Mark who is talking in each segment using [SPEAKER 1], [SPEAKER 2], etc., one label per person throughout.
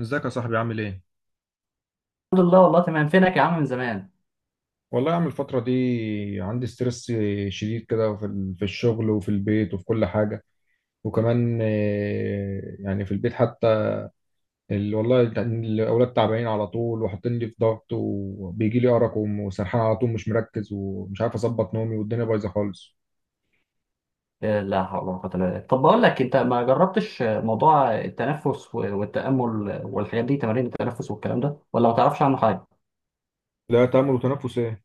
[SPEAKER 1] ازيك يا صاحبي، عامل ايه؟
[SPEAKER 2] الحمد لله، والله تمام. فينك يا عم من زمان؟
[SPEAKER 1] والله عامل الفترة دي عندي ستريس شديد كده في الشغل وفي البيت وفي كل حاجة. وكمان يعني في البيت حتى الأولاد تعبانين على طول، وحاطين لي في ضغط، وبيجي لي أرق وسرحان على طول، مش مركز ومش عارف أظبط نومي، والدنيا بايظة خالص.
[SPEAKER 2] إيه، لا حول ولا قوة إلا بالله. طب بقول لك، انت ما جربتش موضوع التنفس والتأمل والحاجات دي، تمارين التنفس والكلام ده، ولا ما تعرفش عنه حاجة؟
[SPEAKER 1] لا، تأمل وتنفس إيه؟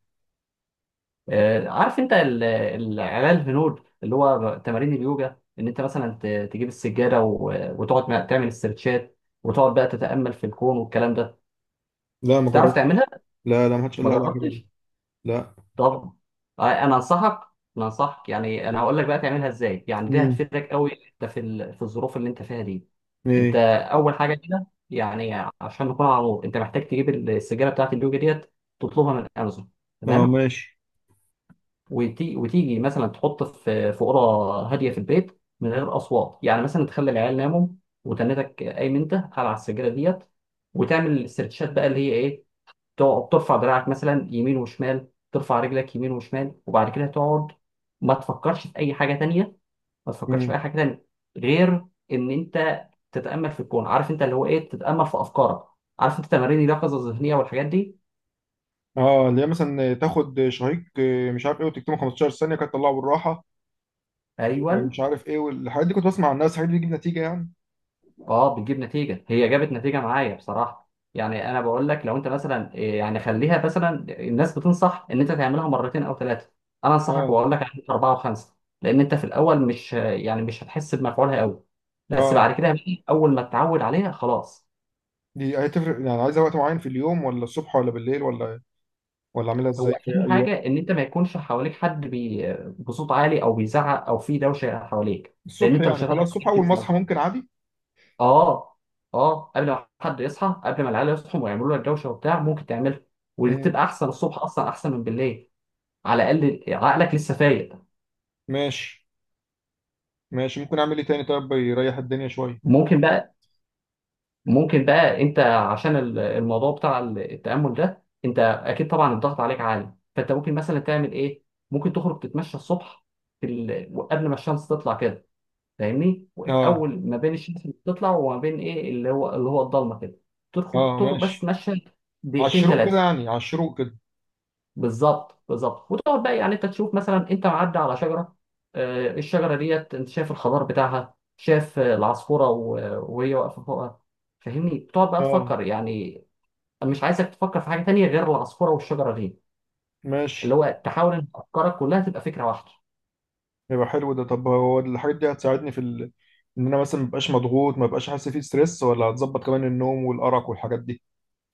[SPEAKER 2] عارف انت العلاج الهنود اللي هو تمارين اليوجا، ان انت مثلا تجيب السجادة وتقعد تعمل استرتشات، وتقعد بقى تتأمل في الكون والكلام ده.
[SPEAKER 1] لا، ما
[SPEAKER 2] تعرف تعملها؟
[SPEAKER 1] جربتش. لا، لا، ما حدش قال
[SPEAKER 2] ما
[SPEAKER 1] لي على الحاجة دي.
[SPEAKER 2] جربتش؟
[SPEAKER 1] لا.
[SPEAKER 2] طبعا. انا انصحك. يعني انا هقول لك بقى تعملها ازاي، يعني دي
[SPEAKER 1] امم.
[SPEAKER 2] هتفيدك قوي انت في في الظروف اللي انت فيها دي. انت
[SPEAKER 1] إيه.
[SPEAKER 2] اول حاجه كده يعني، عشان نكون على نور، انت محتاج تجيب السجاره بتاعت اليوجا ديت، تطلبها من امازون.
[SPEAKER 1] أه،
[SPEAKER 2] تمام.
[SPEAKER 1] ماشي.
[SPEAKER 2] وتيجي مثلا تحط في في اوضه هاديه في البيت من غير اصوات، يعني مثلا تخلي العيال ناموا وتنتك قايم انت على السجاره ديت، وتعمل السيرتشات بقى، اللي هي ايه، تقعد ترفع دراعك مثلا يمين وشمال، ترفع رجلك يمين وشمال، وبعد كده تقعد ما تفكرش في اي حاجه تانية. ما تفكرش في اي
[SPEAKER 1] امم.
[SPEAKER 2] حاجه تانية غير ان انت تتامل في الكون. عارف انت اللي هو ايه، تتامل في افكارك. عارف انت تمارين اليقظه الذهنيه والحاجات دي؟
[SPEAKER 1] اه، اللي هي مثلا تاخد شهيق، مش عارف ايه، وتكتمه 15 ثانية، كانت تطلعه بالراحة.
[SPEAKER 2] ايوه.
[SPEAKER 1] مش عارف ايه، والحاجات دي كنت بسمع عن الناس الحاجات دي بتجيب نتيجه يعني.
[SPEAKER 2] اه، بتجيب نتيجه، هي جابت نتيجه معايا بصراحه. يعني انا بقول لك، لو انت مثلا يعني خليها مثلا، الناس بتنصح ان انت تعملها مرتين او ثلاثه، انا انصحك
[SPEAKER 1] اه.
[SPEAKER 2] واقول لك اعمل اربعه وخمسه، لان انت في الاول مش هتحس بمفعولها قوي، بس
[SPEAKER 1] اه،
[SPEAKER 2] بعد كده بقى، اول ما تتعود عليها خلاص.
[SPEAKER 1] دي هتفرق يعني؟ عايزه وقت معين في اليوم، ولا الصبح ولا بالليل، ولا اعملها ازاي
[SPEAKER 2] هو
[SPEAKER 1] في
[SPEAKER 2] اهم
[SPEAKER 1] اي وقت؟
[SPEAKER 2] حاجه ان انت ما يكونش حواليك حد بي بصوت عالي او بيزعق او في دوشه حواليك، لان
[SPEAKER 1] الصبح
[SPEAKER 2] انت مش
[SPEAKER 1] يعني، خلاص
[SPEAKER 2] هتعرف
[SPEAKER 1] الصبح اول ما
[SPEAKER 2] تركز.
[SPEAKER 1] اصحى ممكن عادي.
[SPEAKER 2] اه. اه، قبل ما حد يصحى، قبل ما العيال يصحوا ويعملوا لك دوشه وبتاع، ممكن تعملها. ودي
[SPEAKER 1] امم.
[SPEAKER 2] بتبقى احسن، الصبح اصلا احسن من بالليل، على الاقل عقلك لسه فايق.
[SPEAKER 1] ماشي. ماشي، ممكن اعمل ايه تاني طيب يريح الدنيا شويه؟
[SPEAKER 2] ممكن بقى. انت عشان الموضوع بتاع التامل ده، انت اكيد طبعا الضغط عليك عالي، فانت ممكن مثلا تعمل ايه، ممكن تخرج تتمشى الصبح، قبل ما الشمس تطلع كده، فاهمني؟
[SPEAKER 1] اه.
[SPEAKER 2] اول ما بين الشمس اللي بتطلع وما بين ايه، اللي هو الضلمه كده، تدخل
[SPEAKER 1] اه،
[SPEAKER 2] تخرج بس
[SPEAKER 1] ماشي.
[SPEAKER 2] تمشى
[SPEAKER 1] على
[SPEAKER 2] دقيقتين
[SPEAKER 1] الشروق كده
[SPEAKER 2] ثلاثه.
[SPEAKER 1] يعني، على الشروق كده.
[SPEAKER 2] بالظبط، بالظبط. وتقعد بقى، يعني انت تشوف مثلا انت معدي على شجره، الشجره ديت، انت شايف الخضار بتاعها، شايف العصفوره وهي واقفه فوقها، فاهمني؟ بتقعد بقى
[SPEAKER 1] اه،
[SPEAKER 2] تفكر، يعني مش عايزك تفكر في حاجه تانية غير العصفوره والشجره دي، اللي
[SPEAKER 1] ماشي.
[SPEAKER 2] هو تحاول ان افكارك كلها تبقى فكره واحده.
[SPEAKER 1] يبقى حلو ده. طب هو الحاجات دي هتساعدني في ان انا مثلا مبقاش مضغوط، مبقاش حاسس فيه ستريس، ولا هتظبط كمان النوم والارق والحاجات دي؟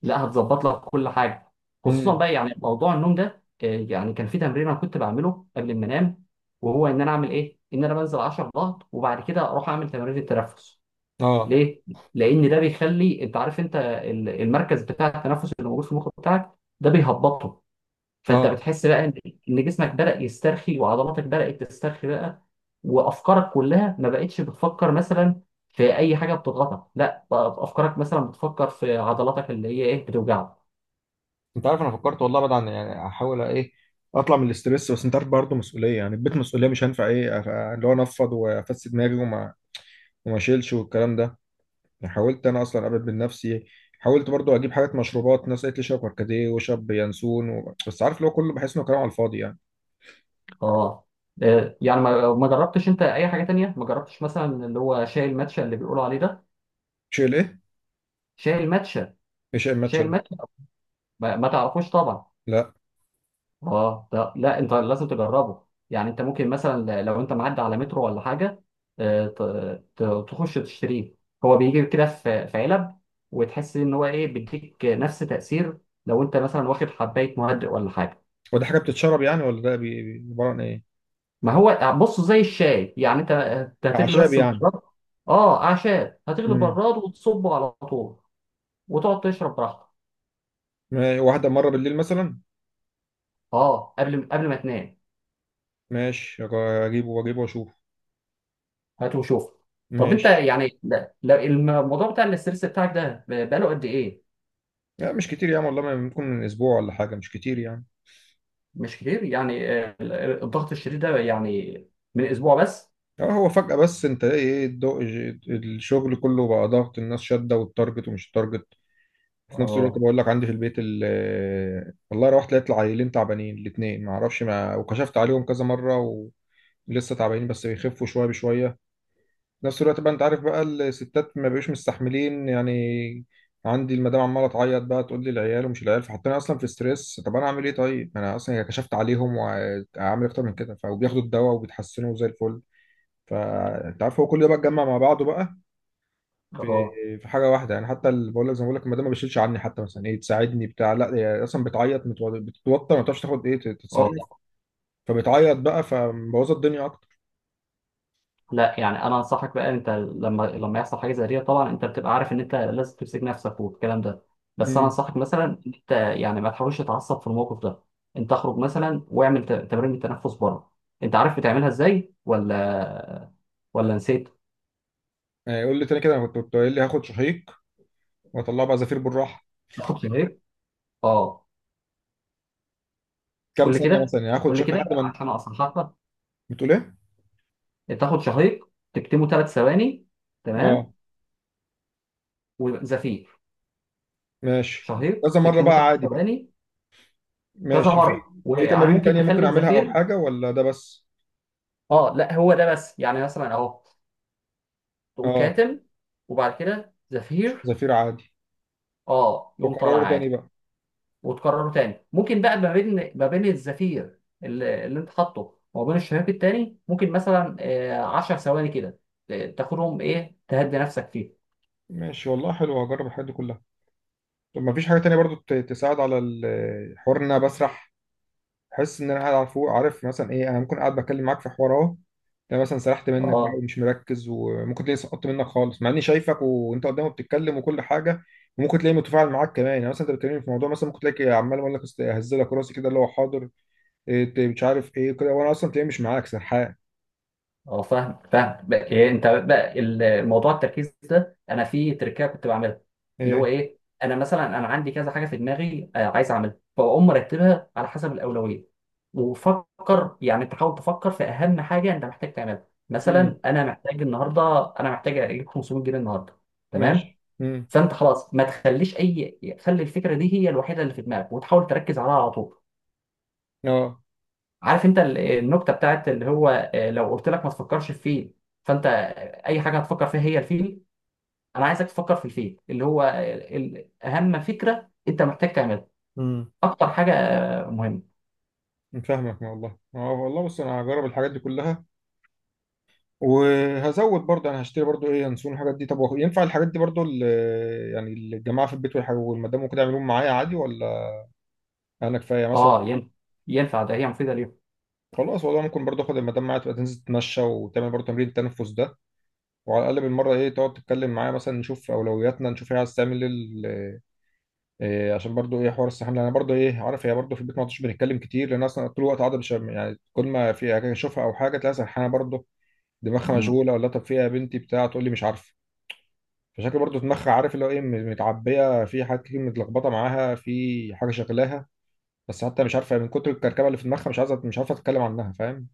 [SPEAKER 2] لا، هتظبط لك كل حاجه. خصوصا
[SPEAKER 1] امم.
[SPEAKER 2] بقى يعني موضوع النوم ده، يعني كان في تمرين انا كنت بعمله قبل ما انام، وهو ان انا اعمل ايه، ان انا بنزل 10 ضغط، وبعد كده اروح اعمل تمارين التنفس.
[SPEAKER 1] اه.
[SPEAKER 2] ليه؟ لأن ده بيخلي أنت عارف أنت المركز بتاع التنفس اللي موجود في المخ بتاعك، ده بيهبطه. فأنت
[SPEAKER 1] اه،
[SPEAKER 2] بتحس بقى إن جسمك بدأ يسترخي، وعضلاتك بدأت تسترخي بقى، وأفكارك كلها ما بقتش بتفكر مثلا في أي حاجة بتضغطك، لا، بقى أفكارك مثلا بتفكر في عضلاتك اللي هي إيه، بتوجعك.
[SPEAKER 1] انت عارف انا فكرت والله، بعد عن يعني احاول ايه اطلع من الاسترس، بس انت عارف برضه مسؤوليه، يعني البيت مسؤوليه، مش هينفع ايه اللي هو انفض وافسد دماغي وما اشيلش والكلام ده. يعني حاولت انا اصلا ابعد من نفسي، حاولت برضه اجيب حاجات مشروبات، ناس قالت لي شرب كركديه وشرب ينسون بس عارف اللي هو كله بحس انه كلام على الفاضي يعني.
[SPEAKER 2] أه. يعني ما جربتش أنت أي حاجة تانية، ما جربتش مثلا اللي هو شاي الماتشا اللي بيقولوا عليه ده؟
[SPEAKER 1] شيل ايه؟
[SPEAKER 2] شاي الماتشا.
[SPEAKER 1] ايش
[SPEAKER 2] شاي
[SPEAKER 1] الماتش ده؟
[SPEAKER 2] الماتشا. ما تعرفوش طبعا.
[SPEAKER 1] لا.
[SPEAKER 2] اه، ده لا، انت لازم تجربه، يعني انت ممكن مثلا لو انت معدي على مترو ولا حاجه، آه، ت- تخش تشتريه، هو بيجي كده في في علب، وتحس ان هو ايه، بيديك نفس تاثير لو انت مثلا واخد حبايه مهدئ ولا حاجه.
[SPEAKER 1] هو دي حاجه بتتشرب يعني، ولا ده عباره عن ايه؟
[SPEAKER 2] ما هو بص زي الشاي يعني، انت هتغلي
[SPEAKER 1] اعشاب
[SPEAKER 2] بس
[SPEAKER 1] يعني.
[SPEAKER 2] البراد. اه، اعشاب، هتغلي
[SPEAKER 1] امم.
[SPEAKER 2] البراد وتصبه على طول، وتقعد تشرب براحتك.
[SPEAKER 1] واحده مره بالليل مثلا؟
[SPEAKER 2] اه، قبل ما تنام.
[SPEAKER 1] ماشي، اجيبه واجيبه واشوف.
[SPEAKER 2] هات وشوف. طب انت
[SPEAKER 1] ماشي.
[SPEAKER 2] يعني لا- لا، الموضوع بتاع الاسترس بتاعك ده بقاله قد ايه؟
[SPEAKER 1] لا، مش كتير يعني، والله ما ممكن من اسبوع ولا حاجه، مش كتير يعني.
[SPEAKER 2] مش كتير يعني. الضغط الشديد ده يعني، من اسبوع بس؟
[SPEAKER 1] اه هو فجاه، بس انت ايه الضوء؟ الشغل كله بقى ضغط، الناس شاده والتارجت ومش التارجت. في نفس الوقت
[SPEAKER 2] اه.
[SPEAKER 1] بقول لك عندي في البيت، والله روحت لقيت العيلين تعبانين الاثنين، ما اعرفش، ما وكشفت عليهم كذا مره. ولسه تعبانين بس بيخفوا شويه بشويه. نفس الوقت بقى انت عارف بقى الستات ما بقوش مستحملين يعني. عندي المدام عماله تعيط بقى، تقول لي العيال ومش العيال، فحطينا اصلا في ستريس. طب انا اعمل ايه طيب، انا اصلا كشفت عليهم واعمل اكتر من كده، فبياخدوا الدواء وبيتحسنوا زي الفل. فانت عارف هو كل ده بقى اتجمع مع بعضه بقى في
[SPEAKER 2] اه.
[SPEAKER 1] في حاجه واحده يعني. حتى اللي بقول لك، زي ما بقول لك المدام ما بتشيلش عني، حتى مثلا ايه تساعدني بتاع، لا، هي اصلا بتعيط، بتتوتر، ما بتعرفش تاخد ايه
[SPEAKER 2] اه.
[SPEAKER 1] تتصرف. فبتعيط بقى فمبوظه الدنيا اكتر.
[SPEAKER 2] لا، يعني انا انصحك بقى، انت لما يحصل حاجه زي دي، طبعا انت بتبقى عارف ان انت لازم تمسك نفسك والكلام ده، بس انا
[SPEAKER 1] امم.
[SPEAKER 2] انصحك مثلا ان انت يعني ما تحاولش تتعصب في الموقف ده. انت اخرج مثلا واعمل تمارين التنفس بره. انت عارف بتعملها ازاي ولا نسيت؟
[SPEAKER 1] قول لي تاني كده، انا كنت قايل لي هاخد شهيق واطلعه بقى زفير بالراحه.
[SPEAKER 2] تاخد بريك؟ اه،
[SPEAKER 1] كام
[SPEAKER 2] قول لي
[SPEAKER 1] ثانية
[SPEAKER 2] كده.
[SPEAKER 1] مثلا يعني هاخد،
[SPEAKER 2] قول لي
[SPEAKER 1] شكل
[SPEAKER 2] كده
[SPEAKER 1] لحد ما
[SPEAKER 2] عشان اصحح لك.
[SPEAKER 1] بتقول ايه؟
[SPEAKER 2] تاخد شهيق، تكتمه ثلاث ثواني،
[SPEAKER 1] اه،
[SPEAKER 2] تمام، وزفير.
[SPEAKER 1] ماشي.
[SPEAKER 2] شهيق
[SPEAKER 1] كذا مرة
[SPEAKER 2] تكتمه
[SPEAKER 1] بقى
[SPEAKER 2] ثلاث
[SPEAKER 1] عادي بقى.
[SPEAKER 2] ثواني كذا
[SPEAKER 1] ماشي، في
[SPEAKER 2] مره.
[SPEAKER 1] في
[SPEAKER 2] ويعني
[SPEAKER 1] تمارين
[SPEAKER 2] ممكن
[SPEAKER 1] تانية ممكن
[SPEAKER 2] تخلي
[SPEAKER 1] اعملها او
[SPEAKER 2] الزفير.
[SPEAKER 1] حاجة ولا ده بس؟
[SPEAKER 2] اه لا، هو ده بس يعني، مثلا اهو، تقوم
[SPEAKER 1] اه.
[SPEAKER 2] كاتم، وبعد كده زفير.
[SPEAKER 1] زفير عادي.
[SPEAKER 2] اه، يقوم طالع
[SPEAKER 1] وقرار
[SPEAKER 2] عادي.
[SPEAKER 1] تاني بقى.
[SPEAKER 2] وتكرره تاني. ممكن بقى ما بين الزفير اللي انت حاطه وما بين الشهيق التاني، ممكن مثلا 10 ثواني كده، تاخدهم ايه، تهدي نفسك فيه.
[SPEAKER 1] ماشي والله، حلو، هجرب الحاجات دي كلها. طب ما فيش حاجة تانية برضو تساعد على الحوار ان انا بسرح؟ احس ان انا قاعد على فوق، عارف مثلا ايه، انا ممكن قاعد بتكلم معاك في حوار اهو، ده مثلا سرحت منك بقى
[SPEAKER 2] اه.
[SPEAKER 1] ومش مركز، وممكن تلاقي سقطت منك خالص مع اني شايفك وانت قدامي بتتكلم وكل حاجه. وممكن تلاقي متفاعل معاك كمان يعني، مثلا انت بتكلمني في موضوع، مثلا ممكن تلاقي عمال اقول لك اهزلك راسي كده، اللي هو حاضر، إيه، مش عارف ايه كده، وانا اصلا تلاقي مش معاك، سرحان.
[SPEAKER 2] اه، فاهم فاهم بقى. إيه انت بقى الموضوع التركيز ده، انا في تركية كنت بعملها، اللي هو
[SPEAKER 1] ايه.
[SPEAKER 2] ايه، انا مثلا انا عندي كذا حاجه في دماغي عايز اعملها، فاقوم مرتبها على حسب الاولويه. وفكر، يعني تحاول تفكر في اهم حاجه انت محتاج تعملها،
[SPEAKER 1] امم.
[SPEAKER 2] مثلا انا محتاج النهارده، انا محتاج اجيب 500 جنيه النهارده، تمام؟
[SPEAKER 1] ماشي. امم.
[SPEAKER 2] فانت خلاص ما تخليش اي، خلي الفكره دي هي الوحيده اللي في دماغك، وتحاول تركز عليها على طول.
[SPEAKER 1] اه.
[SPEAKER 2] عارف انت النكته بتاعت اللي هو، لو قلت لك ما تفكرش في فيل، فانت اي حاجه هتفكر فيها هي الفيل. انا عايزك تفكر في الفيل اللي هو اهم فكره انت محتاج تعملها،
[SPEAKER 1] امم.
[SPEAKER 2] اكتر حاجه مهمه.
[SPEAKER 1] فاهمك والله. اه والله، بص انا هجرب الحاجات دي كلها، وهزود برضه انا هشتري برضه ايه ينسون الحاجات دي. طب هو ينفع الحاجات دي برضه يعني الجماعه في البيت والحاجة والمدام وكده يعملوهم معايا عادي، ولا انا كفايه
[SPEAKER 2] اه،
[SPEAKER 1] مثلا؟
[SPEAKER 2] ينفع، ينفع ده، هي مفيده.
[SPEAKER 1] خلاص والله، ممكن برضه اخد المدام معايا، تبقى تنزل تتمشى وتعمل برضه تمرين التنفس ده، وعلى الاقل بالمره ايه، تقعد تتكلم معايا مثلا، نشوف اولوياتنا، نشوف هي عايز تعمل ايه إيه، عشان برضه ايه حوار السحاب. لأن انا برضه ايه عارف، هي برضه في البيت ما عدتش بنتكلم كتير، لان اصلا طول الوقت قاعده مش يعني، كل ما في حاجه اشوفها او حاجه تلاقيها سرحانه برضه، دماغها
[SPEAKER 2] ليهم.
[SPEAKER 1] مشغوله، ولا طب فيها يا بنتي بتاع، تقول لي مش عارفه. فشكل برضو دماغها، عارف اللي هو ايه، متعبيه في حاجات كتير، متلخبطه معاها في حاجه شغلاها، بس حتى مش عارفه من كتر الكركبه اللي في دماغها، مش عايزه مش عارفه تتكلم عنها، فاهم.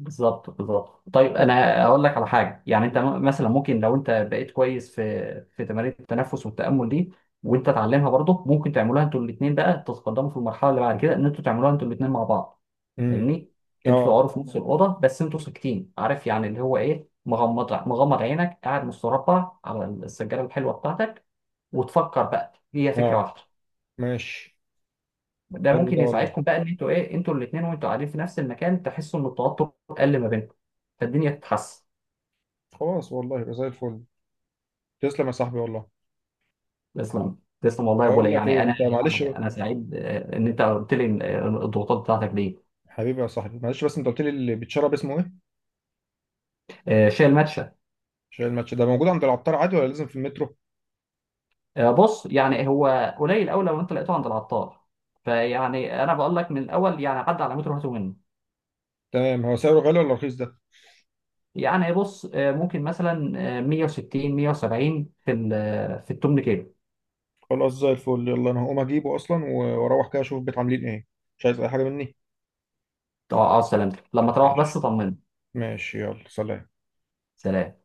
[SPEAKER 2] بالظبط، بالظبط. طيب انا اقول لك على حاجه، يعني انت مثلا ممكن لو انت بقيت كويس في في تمارين التنفس والتامل دي، وانت تعلمها برضه، ممكن تعملوها انتوا الاثنين. بقى تتقدموا في المرحله اللي بعد كده، ان انتوا تعملوها انتوا الاثنين مع بعض،
[SPEAKER 1] امم.
[SPEAKER 2] فاهمني؟ انتوا
[SPEAKER 1] اه.
[SPEAKER 2] تقعدوا في نفس الاوضه بس انتوا ساكتين، عارف يعني اللي هو ايه، مغمض مغمض عينك، قاعد مستربع على السجاده الحلوه بتاعتك، وتفكر بقى هي فكره
[SPEAKER 1] اه،
[SPEAKER 2] واحده.
[SPEAKER 1] ماشي.
[SPEAKER 2] ده
[SPEAKER 1] حلو
[SPEAKER 2] ممكن
[SPEAKER 1] ده والله.
[SPEAKER 2] يساعدكم بقى، ان انتوا ايه، انتوا الاثنين وانتوا قاعدين في نفس المكان، تحسوا ان التوتر قل ما بينكم، فالدنيا تتحسن.
[SPEAKER 1] خلاص والله، يبقى زي الفل. تسلم يا صاحبي والله.
[SPEAKER 2] تسلم، تسلم والله يا ابو
[SPEAKER 1] بقول
[SPEAKER 2] علي.
[SPEAKER 1] لك ايه انت، معلش
[SPEAKER 2] يعني انا سعيد ان انت قلت لي إن، الضغوطات بتاعتك دي.
[SPEAKER 1] حبيبي يا صاحبي، معلش بس انت قلت لي اللي بيتشرب اسمه ايه؟
[SPEAKER 2] شايل ماتشة.
[SPEAKER 1] عشان الماتش ده موجود عند العطار عادي، ولا لازم في المترو؟
[SPEAKER 2] بص يعني هو قليل قوي، لو انت لقيته عند العطار، فيعني انا بقول لك من الاول، يعني عدى على متر وهاته منه.
[SPEAKER 1] تمام. هو سعره غالي ولا رخيص ده؟
[SPEAKER 2] يعني بص، ممكن مثلا 160 170 في في التمن كيلو.
[SPEAKER 1] خلاص، زي الفل، يلا انا هقوم اجيبه اصلا، واروح كده اشوف البيت عاملين ايه. مش عايز اي حاجه مني؟
[SPEAKER 2] طب اه، سلامتك لما تروح بس
[SPEAKER 1] ماشي.
[SPEAKER 2] طمني.
[SPEAKER 1] ماشي، يلا سلام.
[SPEAKER 2] سلام.